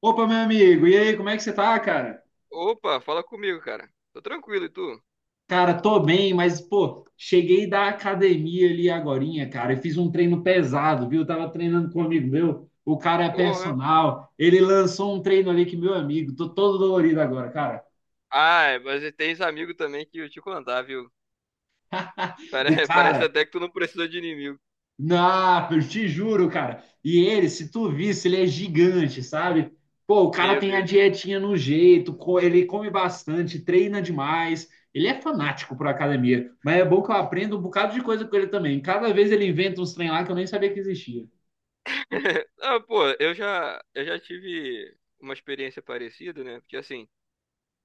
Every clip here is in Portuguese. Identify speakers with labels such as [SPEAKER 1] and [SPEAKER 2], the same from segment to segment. [SPEAKER 1] Opa, meu amigo, e aí, como é que você tá, cara?
[SPEAKER 2] Opa, fala comigo, cara. Tô tranquilo, e tu?
[SPEAKER 1] Cara, tô bem, mas, pô, cheguei da academia ali agorinha, cara, e fiz um treino pesado, viu? Tava treinando com um amigo meu, o cara é
[SPEAKER 2] Porra.
[SPEAKER 1] personal, ele lançou um treino ali que, meu amigo, tô todo dolorido agora, cara.
[SPEAKER 2] Ah, é, mas tens amigo também que eu te contar, viu?
[SPEAKER 1] O
[SPEAKER 2] Parece
[SPEAKER 1] cara,
[SPEAKER 2] até que tu não precisa de inimigo.
[SPEAKER 1] não, eu te juro, cara. E ele, se tu visse, ele é gigante, sabe? Pô, o cara
[SPEAKER 2] Meu
[SPEAKER 1] tem a
[SPEAKER 2] Deus.
[SPEAKER 1] dietinha no jeito, ele come bastante, treina demais. Ele é fanático por academia, mas é bom que eu aprendo um bocado de coisa com ele também. Cada vez ele inventa uns trem lá que eu nem sabia que existia.
[SPEAKER 2] Ah, pô, eu já tive uma experiência parecida, né? Porque assim,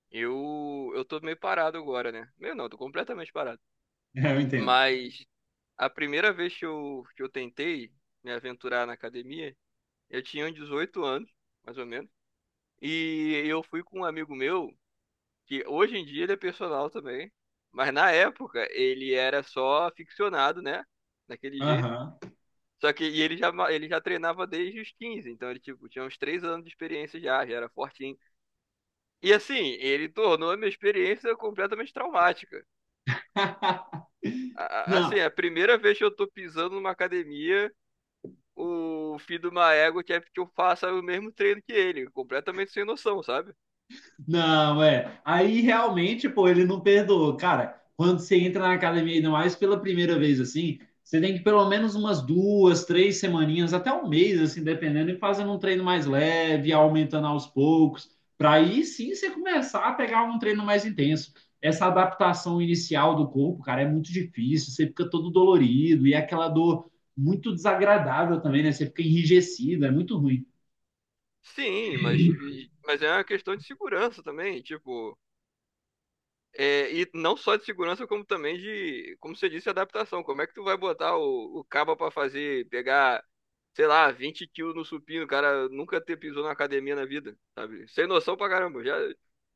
[SPEAKER 2] eu tô meio parado agora, né? Meio não, tô completamente parado.
[SPEAKER 1] É, eu entendo.
[SPEAKER 2] Mas a primeira vez que que eu tentei me aventurar na academia, eu tinha uns 18 anos, mais ou menos. E eu fui com um amigo meu que hoje em dia ele é personal também, mas na época ele era só ficcionado, né? Daquele jeito.
[SPEAKER 1] Aham.
[SPEAKER 2] Só que e ele já treinava desde os 15, então ele tipo, tinha uns 3 anos de experiência já, já era fortinho. E assim, ele tornou a minha experiência completamente traumática. A- a-
[SPEAKER 1] Não,
[SPEAKER 2] assim, a primeira vez que eu tô pisando numa academia, o filho de uma égua quer que eu faça o mesmo treino que ele, completamente sem noção, sabe?
[SPEAKER 1] não, é. Aí realmente, pô, ele não perdoou. Cara, quando você entra na academia, ainda mais pela primeira vez assim, você tem que pelo menos umas duas, três semaninhas, até um mês, assim, dependendo, e fazendo um treino mais leve, aumentando aos poucos, para aí sim você começar a pegar um treino mais intenso. Essa adaptação inicial do corpo, cara, é muito difícil, você fica todo dolorido e é aquela dor muito desagradável também, né? Você fica enrijecido, é muito ruim.
[SPEAKER 2] Sim, mas é uma questão de segurança também, tipo, é, e não só de segurança, como também de, como você disse, adaptação. Como é que tu vai botar o cabo pra fazer, pegar, sei lá, 20 quilos no supino, o cara nunca ter pisou na academia na vida, sabe? Sem noção pra caramba. Já,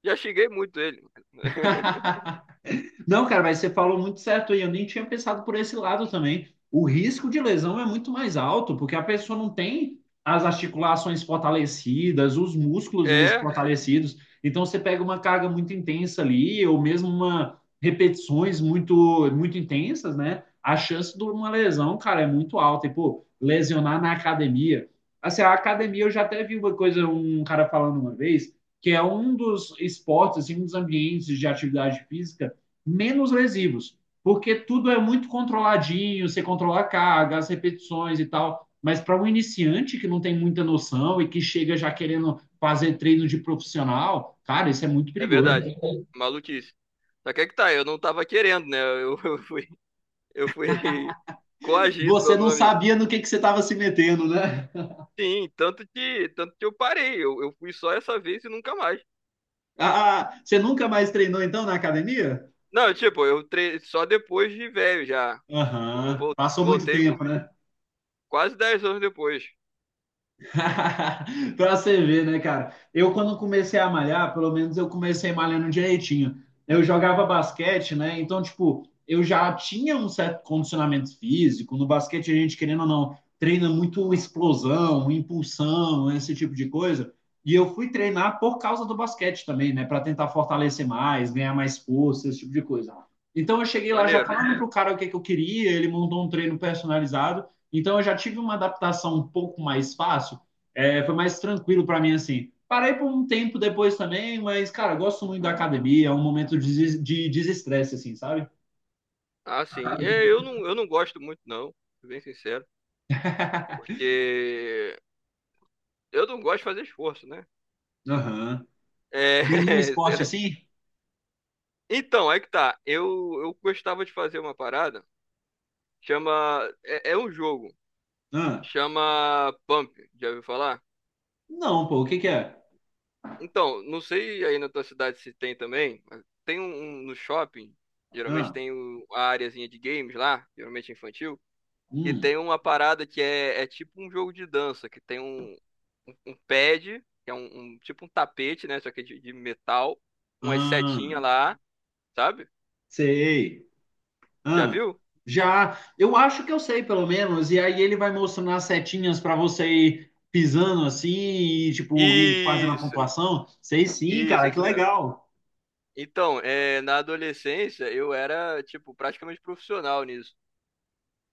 [SPEAKER 2] já xinguei muito ele.
[SPEAKER 1] Não, cara, mas você falou muito certo aí. Eu nem tinha pensado por esse lado também. O risco de lesão é muito mais alto, porque a pessoa não tem as articulações fortalecidas, os músculos mesmo
[SPEAKER 2] É,
[SPEAKER 1] fortalecidos. Então você pega uma carga muito intensa ali, ou mesmo uma repetições muito muito intensas, né? A chance de uma lesão, cara, é muito alta. E pô, lesionar na academia. Assim, a academia eu já até vi uma coisa, um cara falando uma vez, que é um dos esportes, assim, um dos ambientes de atividade física menos lesivos, porque tudo é muito controladinho, você controla a carga, as repetições e tal. Mas para um iniciante que não tem muita noção e que chega já querendo fazer treino de profissional, cara, isso é muito
[SPEAKER 2] é
[SPEAKER 1] perigoso.
[SPEAKER 2] verdade. Maluquice. Só que é que tá, eu não tava querendo, né? Eu, eu fui coagido
[SPEAKER 1] Você
[SPEAKER 2] pelo
[SPEAKER 1] não
[SPEAKER 2] meu amigo.
[SPEAKER 1] sabia no que você estava se metendo, né?
[SPEAKER 2] Sim, tanto que eu parei. Eu fui só essa vez e nunca mais.
[SPEAKER 1] Ah, você nunca mais treinou então na academia?
[SPEAKER 2] Não, tipo, só depois de velho já. Eu
[SPEAKER 1] Aham, uhum,
[SPEAKER 2] vol-
[SPEAKER 1] passou muito
[SPEAKER 2] voltei
[SPEAKER 1] tempo, né?
[SPEAKER 2] quase 10 anos depois.
[SPEAKER 1] Pra você ver, né, cara? Eu, quando comecei a malhar, pelo menos eu comecei malhando direitinho. Eu jogava basquete, né? Então, tipo, eu já tinha um certo condicionamento físico. No basquete, a gente, querendo ou não, treina muito explosão, impulsão, esse tipo de coisa. E eu fui treinar por causa do basquete também, né? Para tentar fortalecer mais, ganhar mais força, esse tipo de coisa. Então eu cheguei lá já
[SPEAKER 2] Maneiro.
[SPEAKER 1] falando pro cara o que eu queria, ele montou um treino personalizado. Então eu já tive uma adaptação um pouco mais fácil, é, foi mais tranquilo para mim, assim. Parei por um tempo depois também, mas, cara, eu gosto muito da academia, é um momento de desestresse, assim, sabe?
[SPEAKER 2] Ah, sim. É, eu não gosto muito, não. Sou bem sincero. Porque eu não gosto de fazer esforço, né?
[SPEAKER 1] Aham.
[SPEAKER 2] É,
[SPEAKER 1] Nenhum
[SPEAKER 2] sei
[SPEAKER 1] esporte
[SPEAKER 2] lá.
[SPEAKER 1] assim?
[SPEAKER 2] Então, aí que tá. Eu gostava de fazer uma parada. Chama. É um jogo.
[SPEAKER 1] Ah,
[SPEAKER 2] Chama Pump. Já ouviu falar?
[SPEAKER 1] não, pô, o que que é?
[SPEAKER 2] Então, não sei aí na tua cidade se tem também, mas tem um no shopping. Geralmente
[SPEAKER 1] Ah,
[SPEAKER 2] tem a areazinha de games lá. Geralmente infantil. E
[SPEAKER 1] hum,
[SPEAKER 2] tem uma parada que é tipo um jogo de dança, que tem um pad, que é tipo um tapete, né? Só que de metal, com as setinhas
[SPEAKER 1] ah,
[SPEAKER 2] lá, sabe?
[SPEAKER 1] sei.
[SPEAKER 2] Já
[SPEAKER 1] Ah,
[SPEAKER 2] viu?
[SPEAKER 1] já, eu acho que eu sei, pelo menos, e aí ele vai mostrando as setinhas para você ir pisando assim, e, tipo, ir fazendo a
[SPEAKER 2] Isso,
[SPEAKER 1] pontuação. Sei sim,
[SPEAKER 2] isso, é
[SPEAKER 1] cara, que
[SPEAKER 2] isso mesmo.
[SPEAKER 1] legal.
[SPEAKER 2] Então, é, na adolescência eu era, tipo, praticamente profissional nisso.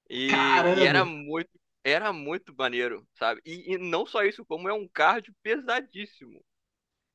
[SPEAKER 2] E era
[SPEAKER 1] Caramba!
[SPEAKER 2] muito, era muito maneiro, sabe? E não só isso, como é um cardio pesadíssimo.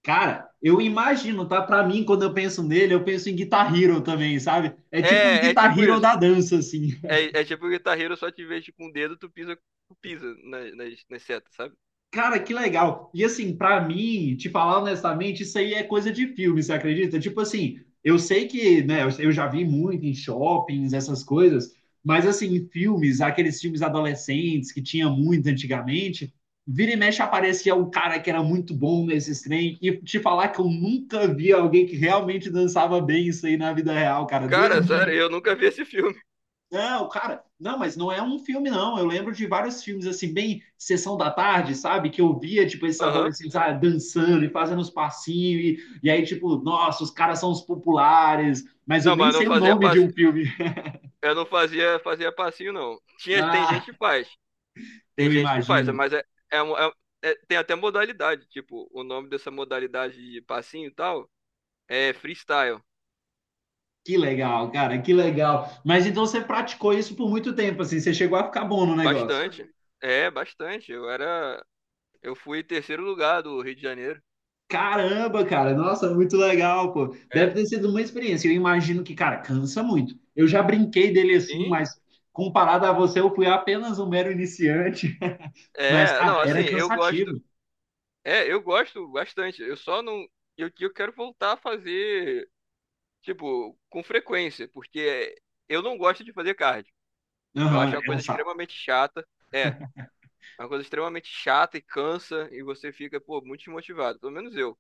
[SPEAKER 1] Cara, eu imagino, tá? Pra mim, quando eu penso nele, eu penso em Guitar Hero também, sabe? É tipo um
[SPEAKER 2] É
[SPEAKER 1] Guitar
[SPEAKER 2] tipo
[SPEAKER 1] Hero
[SPEAKER 2] isso.
[SPEAKER 1] da dança, assim.
[SPEAKER 2] É tipo o guitarreiro, só te vejo com o dedo, tu pisa nas setas, sabe?
[SPEAKER 1] Cara, que legal. E assim, pra mim, te falar honestamente, isso aí é coisa de filme, você acredita? Tipo assim, eu sei que, né, eu já vi muito em shoppings, essas coisas, mas assim, em filmes, aqueles filmes adolescentes que tinha muito antigamente, vira e mexe aparecia um cara que era muito bom nesses trem, e te falar que eu nunca vi alguém que realmente dançava bem isso aí na vida real, cara.
[SPEAKER 2] Cara,
[SPEAKER 1] Doido
[SPEAKER 2] sério,
[SPEAKER 1] de
[SPEAKER 2] eu nunca vi esse filme.
[SPEAKER 1] não, cara, não, mas não é um filme, não. Eu lembro de vários filmes, assim, bem sessão da tarde, sabe? Que eu via, tipo, esses
[SPEAKER 2] Aham.
[SPEAKER 1] adolescentes ah, dançando e fazendo os passinhos, e aí, tipo, nossa, os caras são os populares, mas eu
[SPEAKER 2] Não,
[SPEAKER 1] nem
[SPEAKER 2] mas não
[SPEAKER 1] sei o
[SPEAKER 2] fazia
[SPEAKER 1] nome de um filme.
[SPEAKER 2] eu não fazia passinho, não. Tinha, tem gente
[SPEAKER 1] Ah,
[SPEAKER 2] que faz. Tem
[SPEAKER 1] eu
[SPEAKER 2] gente que faz,
[SPEAKER 1] imagino.
[SPEAKER 2] mas é, um- é- um, tem até modalidade. Tipo, o nome dessa modalidade de passinho e tal é freestyle.
[SPEAKER 1] Que legal, cara, que legal. Mas então você praticou isso por muito tempo, assim, você chegou a ficar bom no negócio.
[SPEAKER 2] Bastante. É, bastante. Eu era. Eu fui terceiro lugar do Rio de Janeiro.
[SPEAKER 1] Caramba, cara, nossa, muito legal, pô. Deve
[SPEAKER 2] É.
[SPEAKER 1] ter sido uma experiência. Eu imagino que, cara, cansa muito. Eu já brinquei dele assim,
[SPEAKER 2] Sim.
[SPEAKER 1] mas comparado a você, eu fui apenas um mero iniciante. Mas,
[SPEAKER 2] É,
[SPEAKER 1] cara,
[SPEAKER 2] não, assim,
[SPEAKER 1] era cansativo.
[SPEAKER 2] é, eu gosto bastante. Eu só não. Eu quero voltar a fazer, tipo, com frequência, porque eu não gosto de fazer cardio. Eu acho
[SPEAKER 1] Aham,
[SPEAKER 2] uma
[SPEAKER 1] é um
[SPEAKER 2] coisa
[SPEAKER 1] saco.
[SPEAKER 2] extremamente chata. É, uma coisa extremamente chata e cansa, e você fica, pô, muito desmotivado. Pelo menos eu.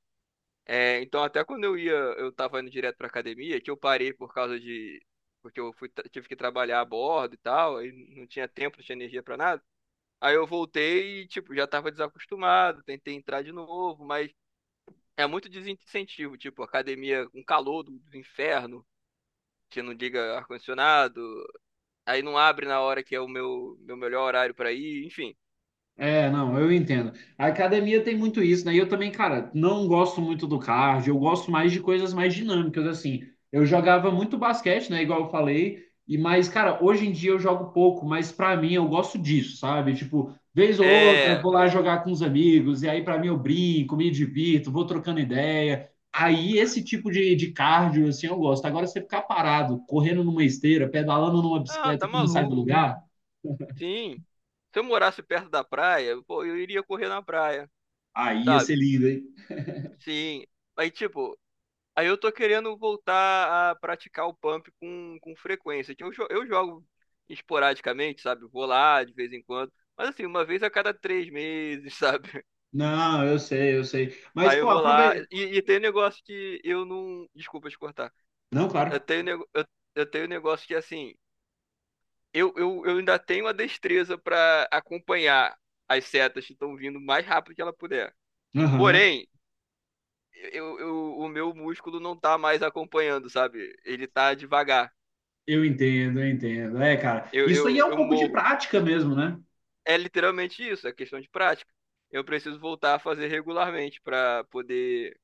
[SPEAKER 2] É, então, até quando eu ia, eu tava indo direto pra academia, que eu parei por causa de. Porque tive que trabalhar a bordo e tal, aí não tinha tempo, não tinha energia pra nada. Aí eu voltei e, tipo, já tava desacostumado, tentei entrar de novo, mas é muito desincentivo, tipo, academia com calor do inferno, que não liga ar-condicionado, aí não abre na hora que é o meu melhor horário pra ir, enfim.
[SPEAKER 1] É, não, eu entendo. A academia tem muito isso, né? E eu também, cara, não gosto muito do cardio, eu gosto mais de coisas mais dinâmicas, assim. Eu jogava muito basquete, né? Igual eu falei, e mas, cara, hoje em dia eu jogo pouco, mas pra mim eu gosto disso, sabe? Tipo, vez ou outra, eu
[SPEAKER 2] É.
[SPEAKER 1] vou lá jogar com os amigos, e aí pra mim eu brinco, me divirto, vou trocando ideia. Aí esse tipo de cardio, assim, eu gosto. Agora você ficar parado, correndo numa esteira, pedalando numa
[SPEAKER 2] Ah,
[SPEAKER 1] bicicleta
[SPEAKER 2] tá
[SPEAKER 1] que não sai do
[SPEAKER 2] maluco.
[SPEAKER 1] lugar,
[SPEAKER 2] Sim. Se eu morasse perto da praia, pô, eu iria correr na praia,
[SPEAKER 1] aí ia
[SPEAKER 2] sabe?
[SPEAKER 1] ser lindo, hein?
[SPEAKER 2] Sim. Aí, tipo, aí, eu tô querendo voltar a praticar o pump com frequência, que eu jogo esporadicamente, sabe? Vou lá de vez em quando. Mas assim, uma vez a cada três meses, sabe?
[SPEAKER 1] Não, eu sei, eu sei. Mas,
[SPEAKER 2] Aí eu
[SPEAKER 1] pô,
[SPEAKER 2] vou lá.
[SPEAKER 1] aproveita.
[SPEAKER 2] E tem um negócio que eu não. Desculpa te cortar.
[SPEAKER 1] Não,
[SPEAKER 2] Eu
[SPEAKER 1] claro.
[SPEAKER 2] tenho, um nego- eu, eu tenho um negócio que, assim, eu ainda tenho a destreza pra acompanhar as setas que estão vindo o mais rápido que ela puder.
[SPEAKER 1] Aham.
[SPEAKER 2] Porém, o meu músculo não tá mais acompanhando, sabe? Ele tá devagar.
[SPEAKER 1] Eu entendo, eu entendo. É, cara.
[SPEAKER 2] Eu,
[SPEAKER 1] Isso aí
[SPEAKER 2] eu,
[SPEAKER 1] é um
[SPEAKER 2] eu
[SPEAKER 1] pouco de
[SPEAKER 2] morro.
[SPEAKER 1] prática mesmo, né?
[SPEAKER 2] É literalmente isso, é questão de prática. Eu preciso voltar a fazer regularmente pra poder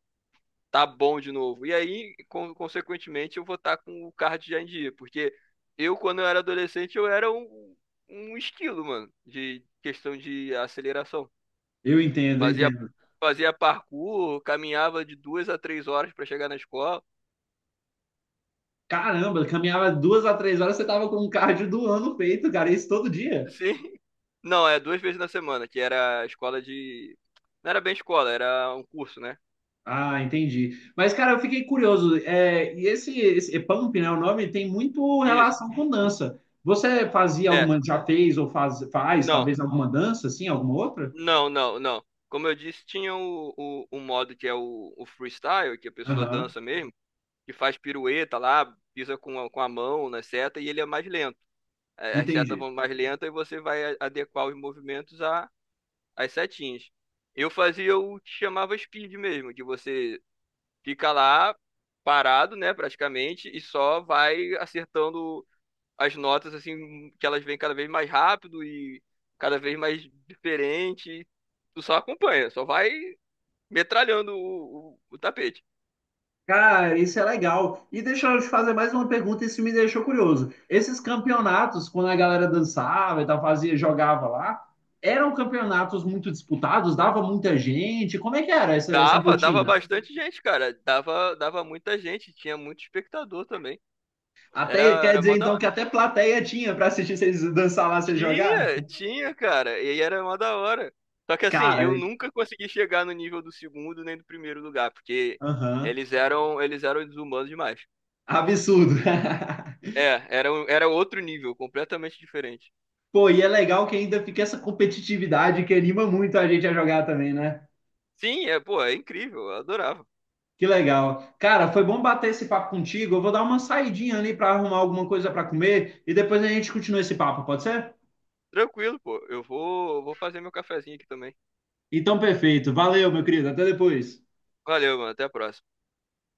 [SPEAKER 2] tá bom de novo. E aí, consequentemente, eu vou estar com o card já em dia, porque quando eu era adolescente, eu era um esquilo, mano, de questão de aceleração.
[SPEAKER 1] Eu entendo, eu
[SPEAKER 2] Fazia,
[SPEAKER 1] entendo.
[SPEAKER 2] fazia parkour, caminhava de duas a três horas para chegar na escola.
[SPEAKER 1] Caramba, caminhava duas a três horas, você tava com um cardio do ano feito, cara. Isso todo dia.
[SPEAKER 2] Sim. Não, é duas vezes na semana, que era a escola de. Não era bem escola, era um curso, né?
[SPEAKER 1] Ah, entendi. Mas, cara, eu fiquei curioso. É, e esse pump, né? O nome tem muito
[SPEAKER 2] Isso.
[SPEAKER 1] relação com dança. Você fazia
[SPEAKER 2] É.
[SPEAKER 1] alguma, já fez ou faz, faz,
[SPEAKER 2] Não,
[SPEAKER 1] talvez alguma dança, assim, alguma outra?
[SPEAKER 2] não, não, não. Como eu disse, tinha o modo que é o freestyle, que a pessoa
[SPEAKER 1] Aham,
[SPEAKER 2] dança mesmo, que faz pirueta lá, pisa com a mão na seta e ele é mais lento. As setas
[SPEAKER 1] entendi.
[SPEAKER 2] vão mais lentas e você vai adequar os movimentos às setinhas. Eu fazia o que chamava speed mesmo, que você fica lá parado, né, praticamente, e só vai acertando as notas assim, que elas vêm cada vez mais rápido e cada vez mais diferente. Tu só acompanha, só vai metralhando o tapete.
[SPEAKER 1] Cara, isso é legal. E deixa eu te fazer mais uma pergunta, isso me deixou curioso. Esses campeonatos, quando a galera dançava e tal, fazia, jogava lá, eram campeonatos muito disputados, dava muita gente. Como é que era essa, essa
[SPEAKER 2] Dava
[SPEAKER 1] rotina?
[SPEAKER 2] bastante gente, cara. Dava muita gente, tinha muito espectador também. Era,
[SPEAKER 1] Até quer
[SPEAKER 2] era
[SPEAKER 1] dizer
[SPEAKER 2] mó da
[SPEAKER 1] então que
[SPEAKER 2] hora.
[SPEAKER 1] até plateia tinha para assistir vocês dançar lá, vocês jogar?
[SPEAKER 2] Tinha, cara. E aí era mó da hora. Só que assim,
[SPEAKER 1] Cara,
[SPEAKER 2] eu nunca consegui chegar no nível do segundo nem do primeiro lugar, porque
[SPEAKER 1] aham.
[SPEAKER 2] eles eram desumanos demais.
[SPEAKER 1] Absurdo.
[SPEAKER 2] É, era outro nível, completamente diferente.
[SPEAKER 1] Pô, e é legal que ainda fica essa competitividade que anima muito a gente a jogar também, né?
[SPEAKER 2] Sim, é, pô, é incrível, eu adorava.
[SPEAKER 1] Que legal. Cara, foi bom bater esse papo contigo. Eu vou dar uma saidinha ali para arrumar alguma coisa para comer e depois a gente continua esse papo, pode ser?
[SPEAKER 2] Tranquilo, pô. Eu vou fazer meu cafezinho aqui também.
[SPEAKER 1] Então, perfeito. Valeu, meu querido. Até depois.
[SPEAKER 2] Valeu, mano. Até a próxima.